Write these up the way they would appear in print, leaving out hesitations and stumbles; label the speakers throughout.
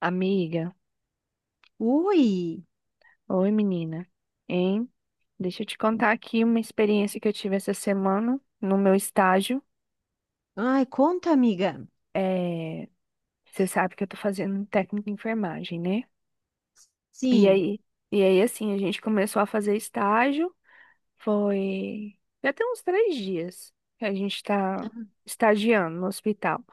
Speaker 1: Amiga,
Speaker 2: Ui!
Speaker 1: oi menina, hein? Deixa eu te contar aqui uma experiência que eu tive essa semana no meu estágio.
Speaker 2: Ai, conta, amiga.
Speaker 1: É, você sabe que eu tô fazendo um técnico em enfermagem, né? E
Speaker 2: Sim.
Speaker 1: aí, e aí, assim, a gente começou a fazer estágio, foi já tem uns 3 dias que a gente tá estagiando no hospital.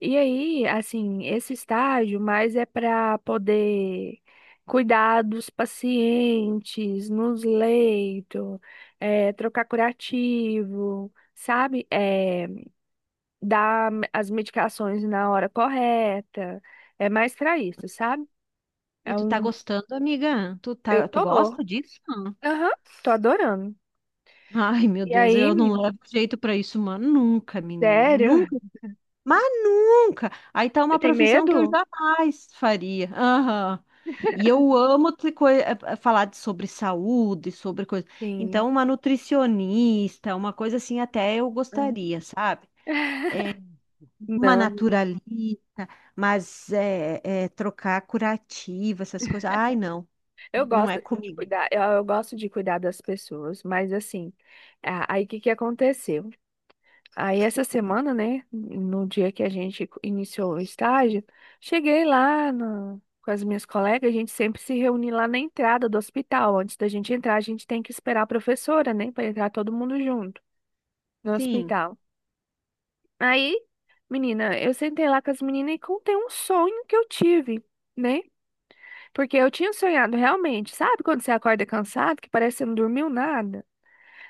Speaker 1: E aí, assim, esse estágio mais é para poder cuidar dos pacientes, nos leitos, é, trocar curativo, sabe? É, dar as medicações na hora correta. É mais para isso, sabe?
Speaker 2: E
Speaker 1: É
Speaker 2: tu tá
Speaker 1: um...
Speaker 2: gostando, amiga? Tu
Speaker 1: Eu
Speaker 2: tá, tu
Speaker 1: tô.
Speaker 2: gosta disso?
Speaker 1: Aham, tô adorando.
Speaker 2: Ai, meu
Speaker 1: E
Speaker 2: Deus,
Speaker 1: aí,
Speaker 2: eu não
Speaker 1: menino,
Speaker 2: levo jeito pra isso, mano. Nunca, menina.
Speaker 1: sério?
Speaker 2: Nunca. Mas nunca. Aí tá
Speaker 1: Você
Speaker 2: uma
Speaker 1: tem
Speaker 2: profissão que eu
Speaker 1: medo?
Speaker 2: jamais faria. Aham. E eu amo te co- eh, eh, falar sobre saúde, sobre coisa.
Speaker 1: Sim.
Speaker 2: Então, uma nutricionista, uma coisa assim, até eu
Speaker 1: Hum.
Speaker 2: gostaria, sabe? Uma
Speaker 1: Não,
Speaker 2: naturalista, mas trocar curativa, essas coisas. Ai, não,
Speaker 1: eu
Speaker 2: não
Speaker 1: gosto
Speaker 2: é
Speaker 1: assim, de
Speaker 2: comigo.
Speaker 1: cuidar, eu gosto de cuidar das pessoas, mas assim, aí o que que aconteceu? Aí essa semana, né, no dia que a gente iniciou o estágio, cheguei lá com as minhas colegas, a gente sempre se reúne lá na entrada do hospital. Antes da gente entrar, a gente tem que esperar a professora, né, para entrar todo mundo junto no
Speaker 2: Sim,
Speaker 1: hospital. Aí, menina, eu sentei lá com as meninas e contei um sonho que eu tive, né? Porque eu tinha sonhado realmente, sabe quando você acorda cansado, que parece que você não dormiu nada?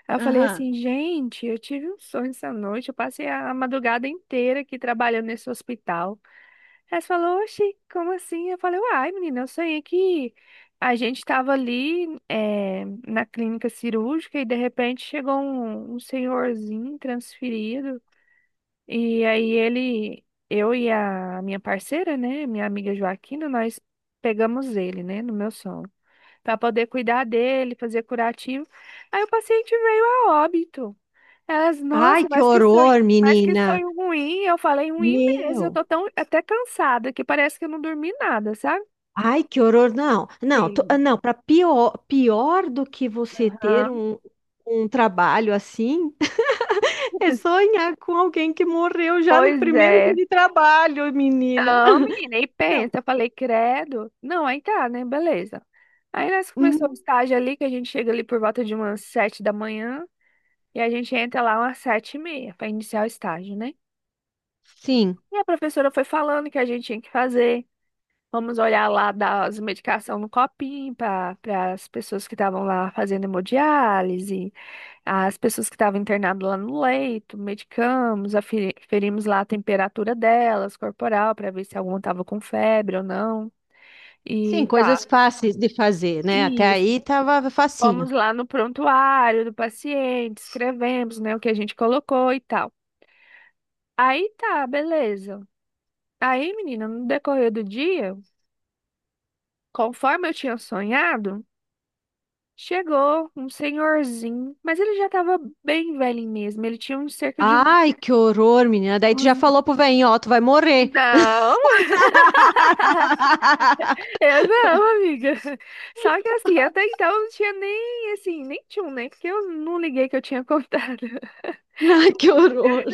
Speaker 1: Aí eu falei
Speaker 2: aham.
Speaker 1: assim, gente, eu tive um sonho essa noite, eu passei a madrugada inteira aqui trabalhando nesse hospital. Aí você falou, oxi, como assim? Eu falei, uai, menina, eu sonhei que a gente estava ali eh, na clínica cirúrgica e de repente chegou um senhorzinho transferido e aí ele, eu e a minha parceira, né, minha amiga Joaquina, nós pegamos ele, né, no meu sono para poder cuidar dele, fazer curativo. Aí o paciente veio a óbito. Elas,
Speaker 2: Ai,
Speaker 1: nossa,
Speaker 2: que horror,
Speaker 1: mas que
Speaker 2: menina.
Speaker 1: sonho ruim. Eu falei, ruim mesmo. Eu
Speaker 2: Meu.
Speaker 1: tô tão até cansada que parece que eu não dormi nada, sabe?
Speaker 2: Ai, que horror.
Speaker 1: Sim.
Speaker 2: Não, para pior, pior do que você ter
Speaker 1: Aham.
Speaker 2: um trabalho assim, é sonhar com alguém que morreu já no
Speaker 1: Pois
Speaker 2: primeiro dia
Speaker 1: é.
Speaker 2: de trabalho, menina.
Speaker 1: Não, menina, e
Speaker 2: Não.
Speaker 1: pensa, eu falei, credo. Não, aí tá, né? Beleza. Aí nós começamos o
Speaker 2: Hum.
Speaker 1: estágio ali, que a gente chega ali por volta de umas 7 da manhã, e a gente entra lá umas 7h30 para iniciar o estágio, né?
Speaker 2: Sim,
Speaker 1: E a professora foi falando o que a gente tinha que fazer, vamos olhar lá das medicações no copinho para as pessoas que estavam lá fazendo hemodiálise, as pessoas que estavam internadas lá no leito, medicamos, aferi- aferimos lá a temperatura delas, corporal, para ver se alguma estava com febre ou não.
Speaker 2: sim,
Speaker 1: E tá,
Speaker 2: coisas fáceis de fazer, né? Até
Speaker 1: isso.
Speaker 2: aí tava facinho.
Speaker 1: Vamos lá no prontuário do paciente, escrevemos, né, o que a gente colocou e tal. Aí tá, beleza. Aí, menina, no decorrer do dia, conforme eu tinha sonhado, chegou um senhorzinho, mas ele já estava bem velho mesmo. Ele tinha uns cerca de
Speaker 2: Ai, que horror, menina. Daí tu já
Speaker 1: uns.
Speaker 2: falou pro velhinho, ó, tu vai morrer.
Speaker 1: Não, eu não, amiga. Só que assim, até então não tinha nem assim, nem tinha um, nem porque eu não liguei que eu tinha contado.
Speaker 2: Ai, que
Speaker 1: Amiga,
Speaker 2: horror.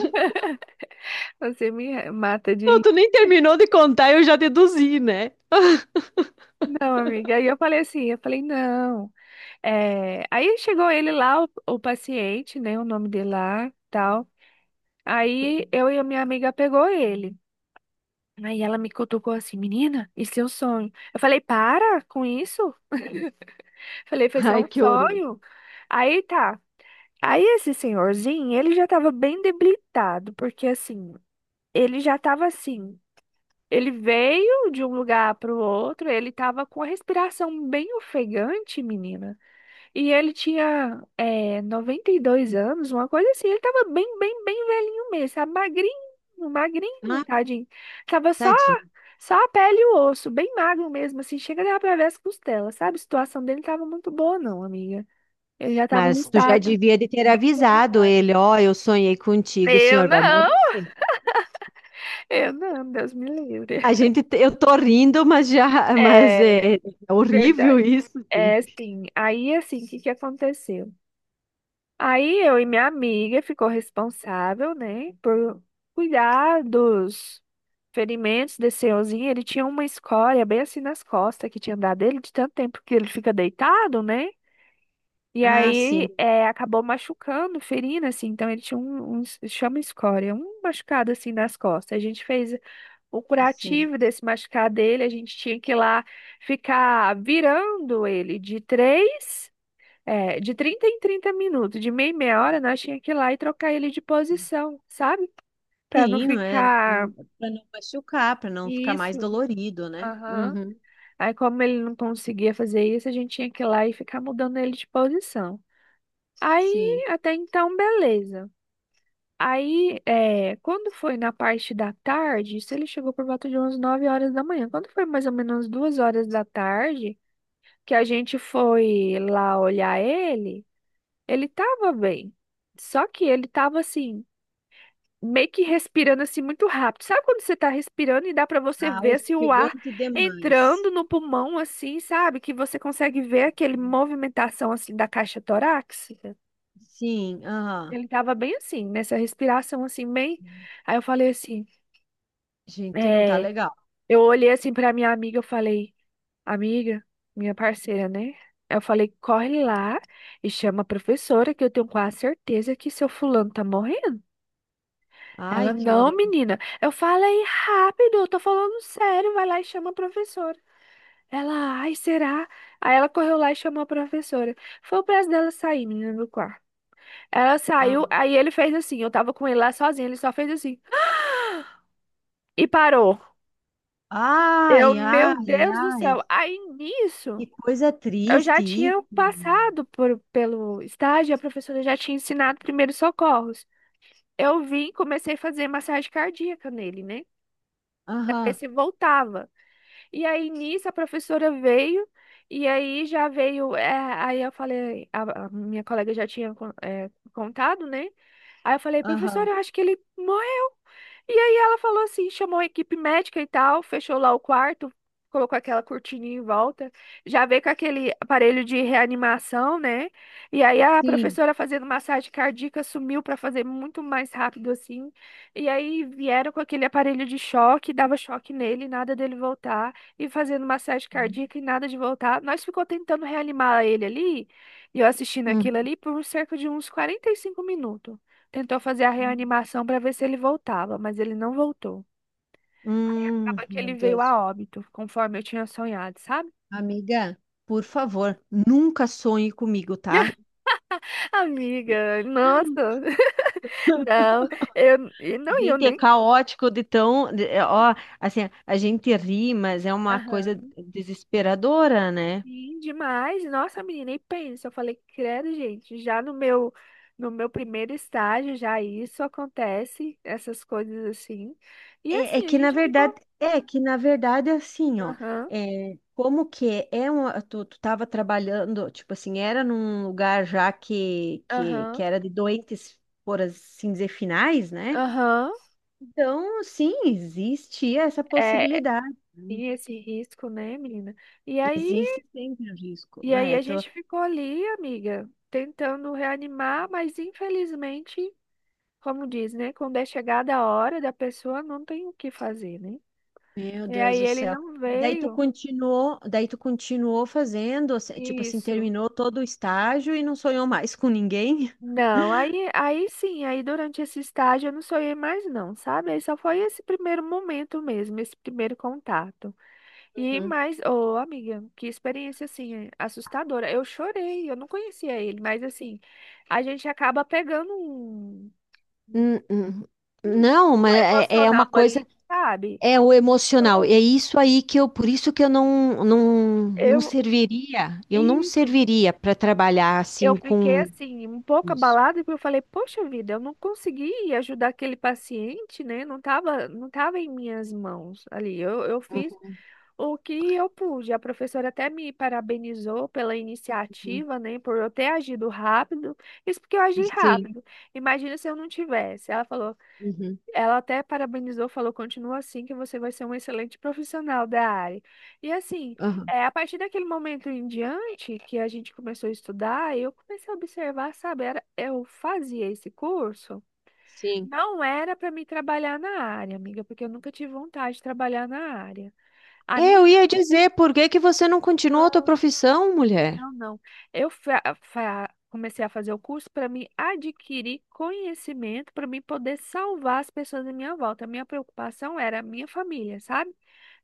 Speaker 1: você me mata de
Speaker 2: Não,
Speaker 1: rir.
Speaker 2: tu nem terminou de contar, eu já deduzi, né?
Speaker 1: Não, amiga. Aí eu falei assim, eu falei, não. Aí chegou ele lá, o paciente, né? O nome dele lá, tal. Aí eu e a minha amiga pegou ele. Aí ela me cutucou assim, menina, isso é um sonho. Eu falei, para com isso. Falei, foi só
Speaker 2: Ai,
Speaker 1: um
Speaker 2: que horror.
Speaker 1: sonho. Aí tá. Aí esse senhorzinho, ele já tava bem debilitado, porque assim, ele já tava assim. Ele veio de um lugar pro outro, ele tava com a respiração bem ofegante, menina. E ele tinha 92 anos, uma coisa assim. Ele tava bem, bem, bem velhinho mesmo, sabe? Magrinho, magrinho,
Speaker 2: Ah,
Speaker 1: tadinho. Tava só,
Speaker 2: tadinho.
Speaker 1: só a pele e o osso, bem magro mesmo, assim. Chega dava pra ver as costelas, sabe? A situação dele não tava muito boa, não, amiga. Ele já tava num
Speaker 2: Mas tu já
Speaker 1: estado
Speaker 2: devia de ter avisado
Speaker 1: debilitado.
Speaker 2: ele, ó, eu sonhei contigo, o
Speaker 1: Eu
Speaker 2: senhor vai
Speaker 1: não,
Speaker 2: morrer.
Speaker 1: eu não, Deus me
Speaker 2: A
Speaker 1: livre.
Speaker 2: gente, eu tô rindo, mas já, mas
Speaker 1: É
Speaker 2: é horrível
Speaker 1: verdade.
Speaker 2: isso,
Speaker 1: É,
Speaker 2: gente.
Speaker 1: sim. Aí, assim, o que que aconteceu? Aí eu e minha amiga ficou responsável, né, por cuidar dos ferimentos desse senhorzinho. Ele tinha uma escória bem assim nas costas que tinha dado ele de tanto tempo que ele fica deitado, né? E
Speaker 2: Ah, sim,
Speaker 1: aí acabou machucando, ferindo, assim. Então ele tinha um chama escória, um machucado assim nas costas. A gente fez o
Speaker 2: sim.
Speaker 1: curativo desse machucado dele. A gente tinha que ir lá ficar virando ele de 30 em 30 minutos, de meia em meia hora, nós tínhamos que ir lá e trocar ele de posição, sabe? Pra não
Speaker 2: Sim, é,
Speaker 1: ficar.
Speaker 2: para não machucar, para não ficar mais
Speaker 1: Isso.
Speaker 2: dolorido, né?
Speaker 1: Aham.
Speaker 2: Uhum,
Speaker 1: Aí, como ele não conseguia fazer isso, a gente tinha que ir lá e ficar mudando ele de posição.
Speaker 2: sim.
Speaker 1: Aí, até então, beleza. Aí, quando foi na parte da tarde, isso ele chegou por volta de umas 9 horas da manhã. Quando foi mais ou menos 2 horas da tarde, que a gente foi lá olhar ele, ele tava bem. Só que ele tava assim meio que respirando assim muito rápido. Sabe quando você tá respirando e dá pra você
Speaker 2: Ah,
Speaker 1: ver assim, o ar
Speaker 2: ofegante demais.
Speaker 1: entrando no pulmão assim, sabe? Que você consegue ver aquele movimentação assim da caixa torácica.
Speaker 2: Sim, aham.
Speaker 1: Ele tava bem assim, nessa respiração assim, bem. Aí eu falei assim,
Speaker 2: Gente, não tá
Speaker 1: é,
Speaker 2: legal.
Speaker 1: eu olhei assim pra minha amiga, eu falei, amiga, minha parceira, né? Eu falei, corre lá e chama a professora, que eu tenho quase certeza que seu fulano tá morrendo. Ela,
Speaker 2: Ai, que
Speaker 1: não,
Speaker 2: horror.
Speaker 1: menina, eu falei rápido, eu tô falando sério, vai lá e chama a professora. Ela, ai, será? Aí ela correu lá e chamou a professora. Foi o prazo dela sair, menina, do quarto. Ela
Speaker 2: Ah,
Speaker 1: saiu, aí ele fez assim, eu tava com ele lá sozinho, ele só fez assim e parou. Eu,
Speaker 2: ai,
Speaker 1: meu
Speaker 2: ai,
Speaker 1: Deus do
Speaker 2: ai.
Speaker 1: céu. Aí nisso,
Speaker 2: Que coisa
Speaker 1: eu já
Speaker 2: triste isso.
Speaker 1: tinha passado pelo estágio, a professora já tinha ensinado primeiros socorros. Eu vim, comecei a fazer massagem cardíaca nele, né? Pra ver
Speaker 2: Aham,
Speaker 1: se voltava. E aí nisso a professora veio, e aí já veio. Aí eu falei, a minha colega já tinha contado, né? Aí eu falei,
Speaker 2: aham.
Speaker 1: professora, eu acho que ele morreu. E aí ela falou assim, chamou a equipe médica e tal, fechou lá o quarto, colocou aquela cortininha em volta, já veio com aquele aparelho de reanimação, né? E aí a
Speaker 2: Sim.
Speaker 1: professora fazendo massagem cardíaca sumiu para fazer muito mais rápido assim. E aí vieram com aquele aparelho de choque, dava choque nele, nada dele voltar, e fazendo massagem cardíaca e nada de voltar. Nós ficou tentando reanimar ele ali, e eu assistindo
Speaker 2: Hum.
Speaker 1: aquilo ali por cerca de uns 45 minutos. Tentou fazer a reanimação para ver se ele voltava, mas ele não voltou. Acaba que
Speaker 2: Meu
Speaker 1: ele veio
Speaker 2: Deus.
Speaker 1: a óbito, conforme eu tinha sonhado, sabe?
Speaker 2: Amiga, por favor, nunca sonhe comigo, tá?
Speaker 1: Amiga, nossa, não, eu e não, e eu
Speaker 2: Gente, é
Speaker 1: nem
Speaker 2: caótico de Ó, assim, a gente ri, mas é uma coisa
Speaker 1: aham.
Speaker 2: desesperadora, né?
Speaker 1: Sim demais, nossa, menina, e pensa, eu falei, credo, gente, já no meu primeiro estágio já isso acontece, essas coisas assim. E
Speaker 2: É, é
Speaker 1: assim, a
Speaker 2: que na
Speaker 1: gente
Speaker 2: verdade,
Speaker 1: ficou,
Speaker 2: é que na verdade assim, ó,
Speaker 1: aham,
Speaker 2: é, como que é um, tu tava trabalhando, tipo assim, era num lugar já
Speaker 1: aham,
Speaker 2: que era de doentes, por assim dizer, finais, né?
Speaker 1: aham,
Speaker 2: Então, sim, existe essa
Speaker 1: é,
Speaker 2: possibilidade, né?
Speaker 1: tem esse risco, né, menina? E aí
Speaker 2: Existe sempre o risco.
Speaker 1: E aí
Speaker 2: É,
Speaker 1: a
Speaker 2: tô,
Speaker 1: gente ficou ali, amiga, tentando reanimar, mas infelizmente, como diz, né? Quando é chegada a hora da pessoa, não tem o que fazer, né?
Speaker 2: meu
Speaker 1: E
Speaker 2: Deus
Speaker 1: aí
Speaker 2: do
Speaker 1: ele
Speaker 2: céu.
Speaker 1: não
Speaker 2: E
Speaker 1: veio.
Speaker 2: daí tu continuou fazendo, assim, tipo assim,
Speaker 1: Isso.
Speaker 2: terminou todo o estágio e não sonhou mais com ninguém?
Speaker 1: Não, aí sim, aí durante esse estágio eu não sonhei mais não, sabe? Aí só foi esse primeiro momento mesmo, esse primeiro contato. E mais, ô amiga, que experiência assim, é assustadora. Eu chorei, eu não conhecia ele, mas assim, a gente acaba pegando um,
Speaker 2: N- n-
Speaker 1: uhum, um
Speaker 2: Não, mas
Speaker 1: vínculo
Speaker 2: é, é
Speaker 1: emocional
Speaker 2: uma
Speaker 1: ali,
Speaker 2: coisa,
Speaker 1: sabe?
Speaker 2: é o emocional.
Speaker 1: Então,
Speaker 2: É isso aí que eu, por isso que eu não
Speaker 1: eu,
Speaker 2: serviria, eu não
Speaker 1: isso,
Speaker 2: serviria para trabalhar
Speaker 1: eu
Speaker 2: assim
Speaker 1: fiquei
Speaker 2: com
Speaker 1: assim, um pouco
Speaker 2: isso.
Speaker 1: abalada, porque eu falei, poxa vida, eu não consegui ajudar aquele paciente, né? Não tava, não tava em minhas mãos ali. Eu fiz o que eu pude. A professora até me parabenizou pela
Speaker 2: Uhum,
Speaker 1: iniciativa, né? Por eu ter agido rápido. Isso porque eu agi
Speaker 2: sim,
Speaker 1: rápido. Imagina se eu não tivesse.
Speaker 2: uhum,
Speaker 1: Ela até parabenizou, falou, continua assim que você vai ser um excelente profissional da área. E assim,
Speaker 2: aham,
Speaker 1: a partir daquele momento em diante que a gente começou a estudar, eu comecei a observar, sabe, eu fazia esse curso,
Speaker 2: sim.
Speaker 1: não era para me trabalhar na área, amiga, porque eu nunca tive vontade de trabalhar na área. A
Speaker 2: É,
Speaker 1: minha
Speaker 2: eu ia dizer, por que que você não continuou a tua profissão, mulher?
Speaker 1: Não, não. Comecei a fazer o curso para me adquirir conhecimento, para mim poder salvar as pessoas à minha volta. A minha preocupação era a minha família, sabe?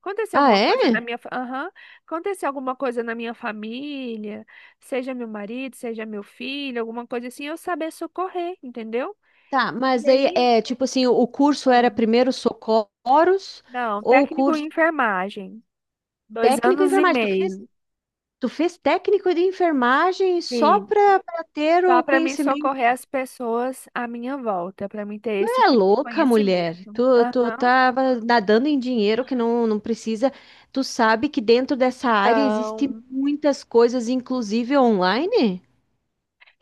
Speaker 1: Acontecer
Speaker 2: Ah,
Speaker 1: alguma coisa
Speaker 2: é?
Speaker 1: na minha, aham, acontecer alguma coisa na minha família, seja meu marido, seja meu filho, alguma coisa assim, eu saber socorrer, entendeu?
Speaker 2: Tá, mas
Speaker 1: E
Speaker 2: daí
Speaker 1: aí?
Speaker 2: é tipo assim, o curso era
Speaker 1: Ah.
Speaker 2: primeiro socorros
Speaker 1: Não,
Speaker 2: ou o
Speaker 1: técnico
Speaker 2: curso
Speaker 1: em enfermagem, dois
Speaker 2: técnico em
Speaker 1: anos e
Speaker 2: enfermagem? Tu fez?
Speaker 1: meio.
Speaker 2: Tu fez técnico de enfermagem só pra ter
Speaker 1: Só
Speaker 2: o
Speaker 1: para mim
Speaker 2: conhecimento.
Speaker 1: socorrer as pessoas à minha volta, para mim ter
Speaker 2: Tu
Speaker 1: esse
Speaker 2: é
Speaker 1: tipo de
Speaker 2: louca, mulher.
Speaker 1: conhecimento.
Speaker 2: Tu
Speaker 1: Aham.
Speaker 2: tava nadando em dinheiro que não precisa. Tu sabe que dentro dessa área existe
Speaker 1: Então.
Speaker 2: muitas coisas, inclusive online?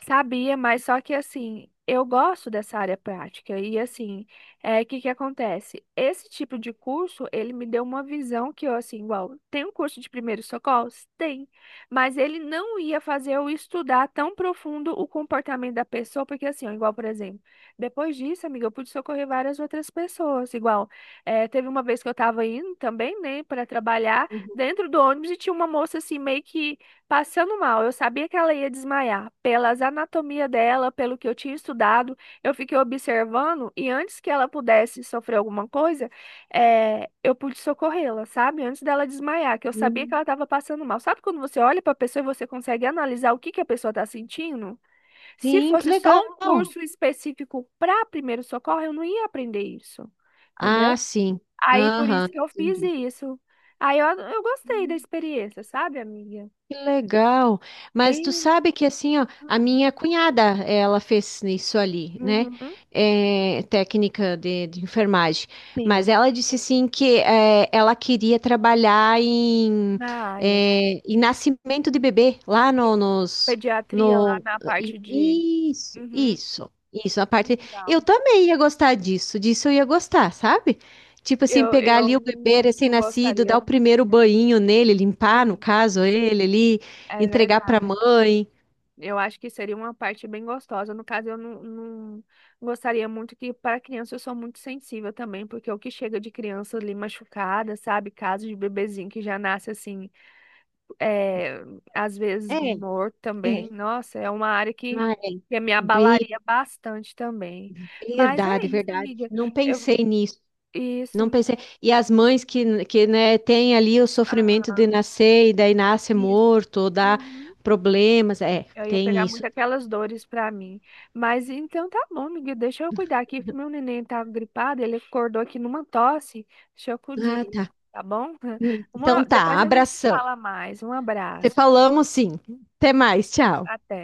Speaker 1: Sabia, mas só que assim, eu gosto dessa área prática e assim, é que acontece? Esse tipo de curso, ele me deu uma visão que eu assim, igual, tem um curso de primeiros socorros? Tem, mas ele não ia fazer eu estudar tão profundo o comportamento da pessoa, porque assim, ó, igual, por exemplo, depois disso, amiga, eu pude socorrer várias outras pessoas, igual, teve uma vez que eu tava indo também, né, para trabalhar dentro do ônibus e tinha uma moça assim, meio que passando mal, eu sabia que ela ia desmaiar. Pelas anatomia dela, pelo que eu tinha estudado, eu fiquei observando e antes que ela pudesse sofrer alguma coisa, eu pude socorrê-la, sabe? Antes dela desmaiar, que eu sabia que ela
Speaker 2: Uhum.
Speaker 1: estava passando mal. Sabe quando você olha para a pessoa e você consegue analisar o que que a pessoa está sentindo? Se
Speaker 2: Sim, que
Speaker 1: fosse só
Speaker 2: legal.
Speaker 1: um curso específico para primeiro socorro, eu não ia aprender isso, entendeu?
Speaker 2: Ah, sim.
Speaker 1: Aí por
Speaker 2: Aham,
Speaker 1: isso que eu fiz
Speaker 2: entendi.
Speaker 1: isso. Aí eu gostei da experiência, sabe, amiga?
Speaker 2: Que legal. Mas tu sabe que assim, ó, a minha cunhada, ela fez isso ali, né?
Speaker 1: Uhum,
Speaker 2: É, técnica de enfermagem.
Speaker 1: sim,
Speaker 2: Mas ela disse assim que é, ela queria trabalhar em,
Speaker 1: na área.
Speaker 2: é, em nascimento de bebê, lá
Speaker 1: E
Speaker 2: no, nos,
Speaker 1: pediatria lá
Speaker 2: no,
Speaker 1: na
Speaker 2: i-
Speaker 1: parte de.
Speaker 2: isso,
Speaker 1: Uhum,
Speaker 2: isso, isso. A parte,
Speaker 1: legal.
Speaker 2: eu também ia gostar disso, disso eu ia gostar, sabe? Tipo assim,
Speaker 1: Eu,
Speaker 2: pegar
Speaker 1: eu
Speaker 2: ali o bebê
Speaker 1: não, não
Speaker 2: recém-nascido, dar
Speaker 1: gostaria.
Speaker 2: o primeiro banho nele, limpar, no
Speaker 1: Sim,
Speaker 2: caso, ele ali,
Speaker 1: é
Speaker 2: entregar pra
Speaker 1: verdade.
Speaker 2: mãe.
Speaker 1: Eu acho que seria uma parte bem gostosa. No caso, eu não, não gostaria muito que, para criança, eu sou muito sensível também, porque o que chega de criança ali machucada, sabe? Casos de bebezinho que já nasce assim. é, Às
Speaker 2: É,
Speaker 1: vezes morto também.
Speaker 2: é.
Speaker 1: Nossa, é uma área que,
Speaker 2: Ah, é.
Speaker 1: que me abalaria
Speaker 2: Bem,
Speaker 1: bastante também. Mas é
Speaker 2: verdade,
Speaker 1: isso,
Speaker 2: verdade.
Speaker 1: amiga.
Speaker 2: Não
Speaker 1: Eu,
Speaker 2: pensei nisso. Não
Speaker 1: isso,
Speaker 2: pensei. E as mães que né, têm ali o sofrimento
Speaker 1: ah,
Speaker 2: de nascer e daí nasce
Speaker 1: isso.
Speaker 2: morto, ou dá
Speaker 1: Uhum.
Speaker 2: problemas. É,
Speaker 1: Eu ia
Speaker 2: tem
Speaker 1: pegar
Speaker 2: isso.
Speaker 1: muito aquelas dores pra mim. Mas então tá bom, amiga. Deixa eu cuidar aqui, que o meu neném tá gripado. Ele acordou aqui numa tosse. Deixa eu cuidar,
Speaker 2: Ah,
Speaker 1: ele,
Speaker 2: tá.
Speaker 1: tá bom?
Speaker 2: Então tá,
Speaker 1: Depois a gente se
Speaker 2: abração.
Speaker 1: fala mais. Um
Speaker 2: Te
Speaker 1: abraço.
Speaker 2: falamos sim. Até mais, tchau.
Speaker 1: Até.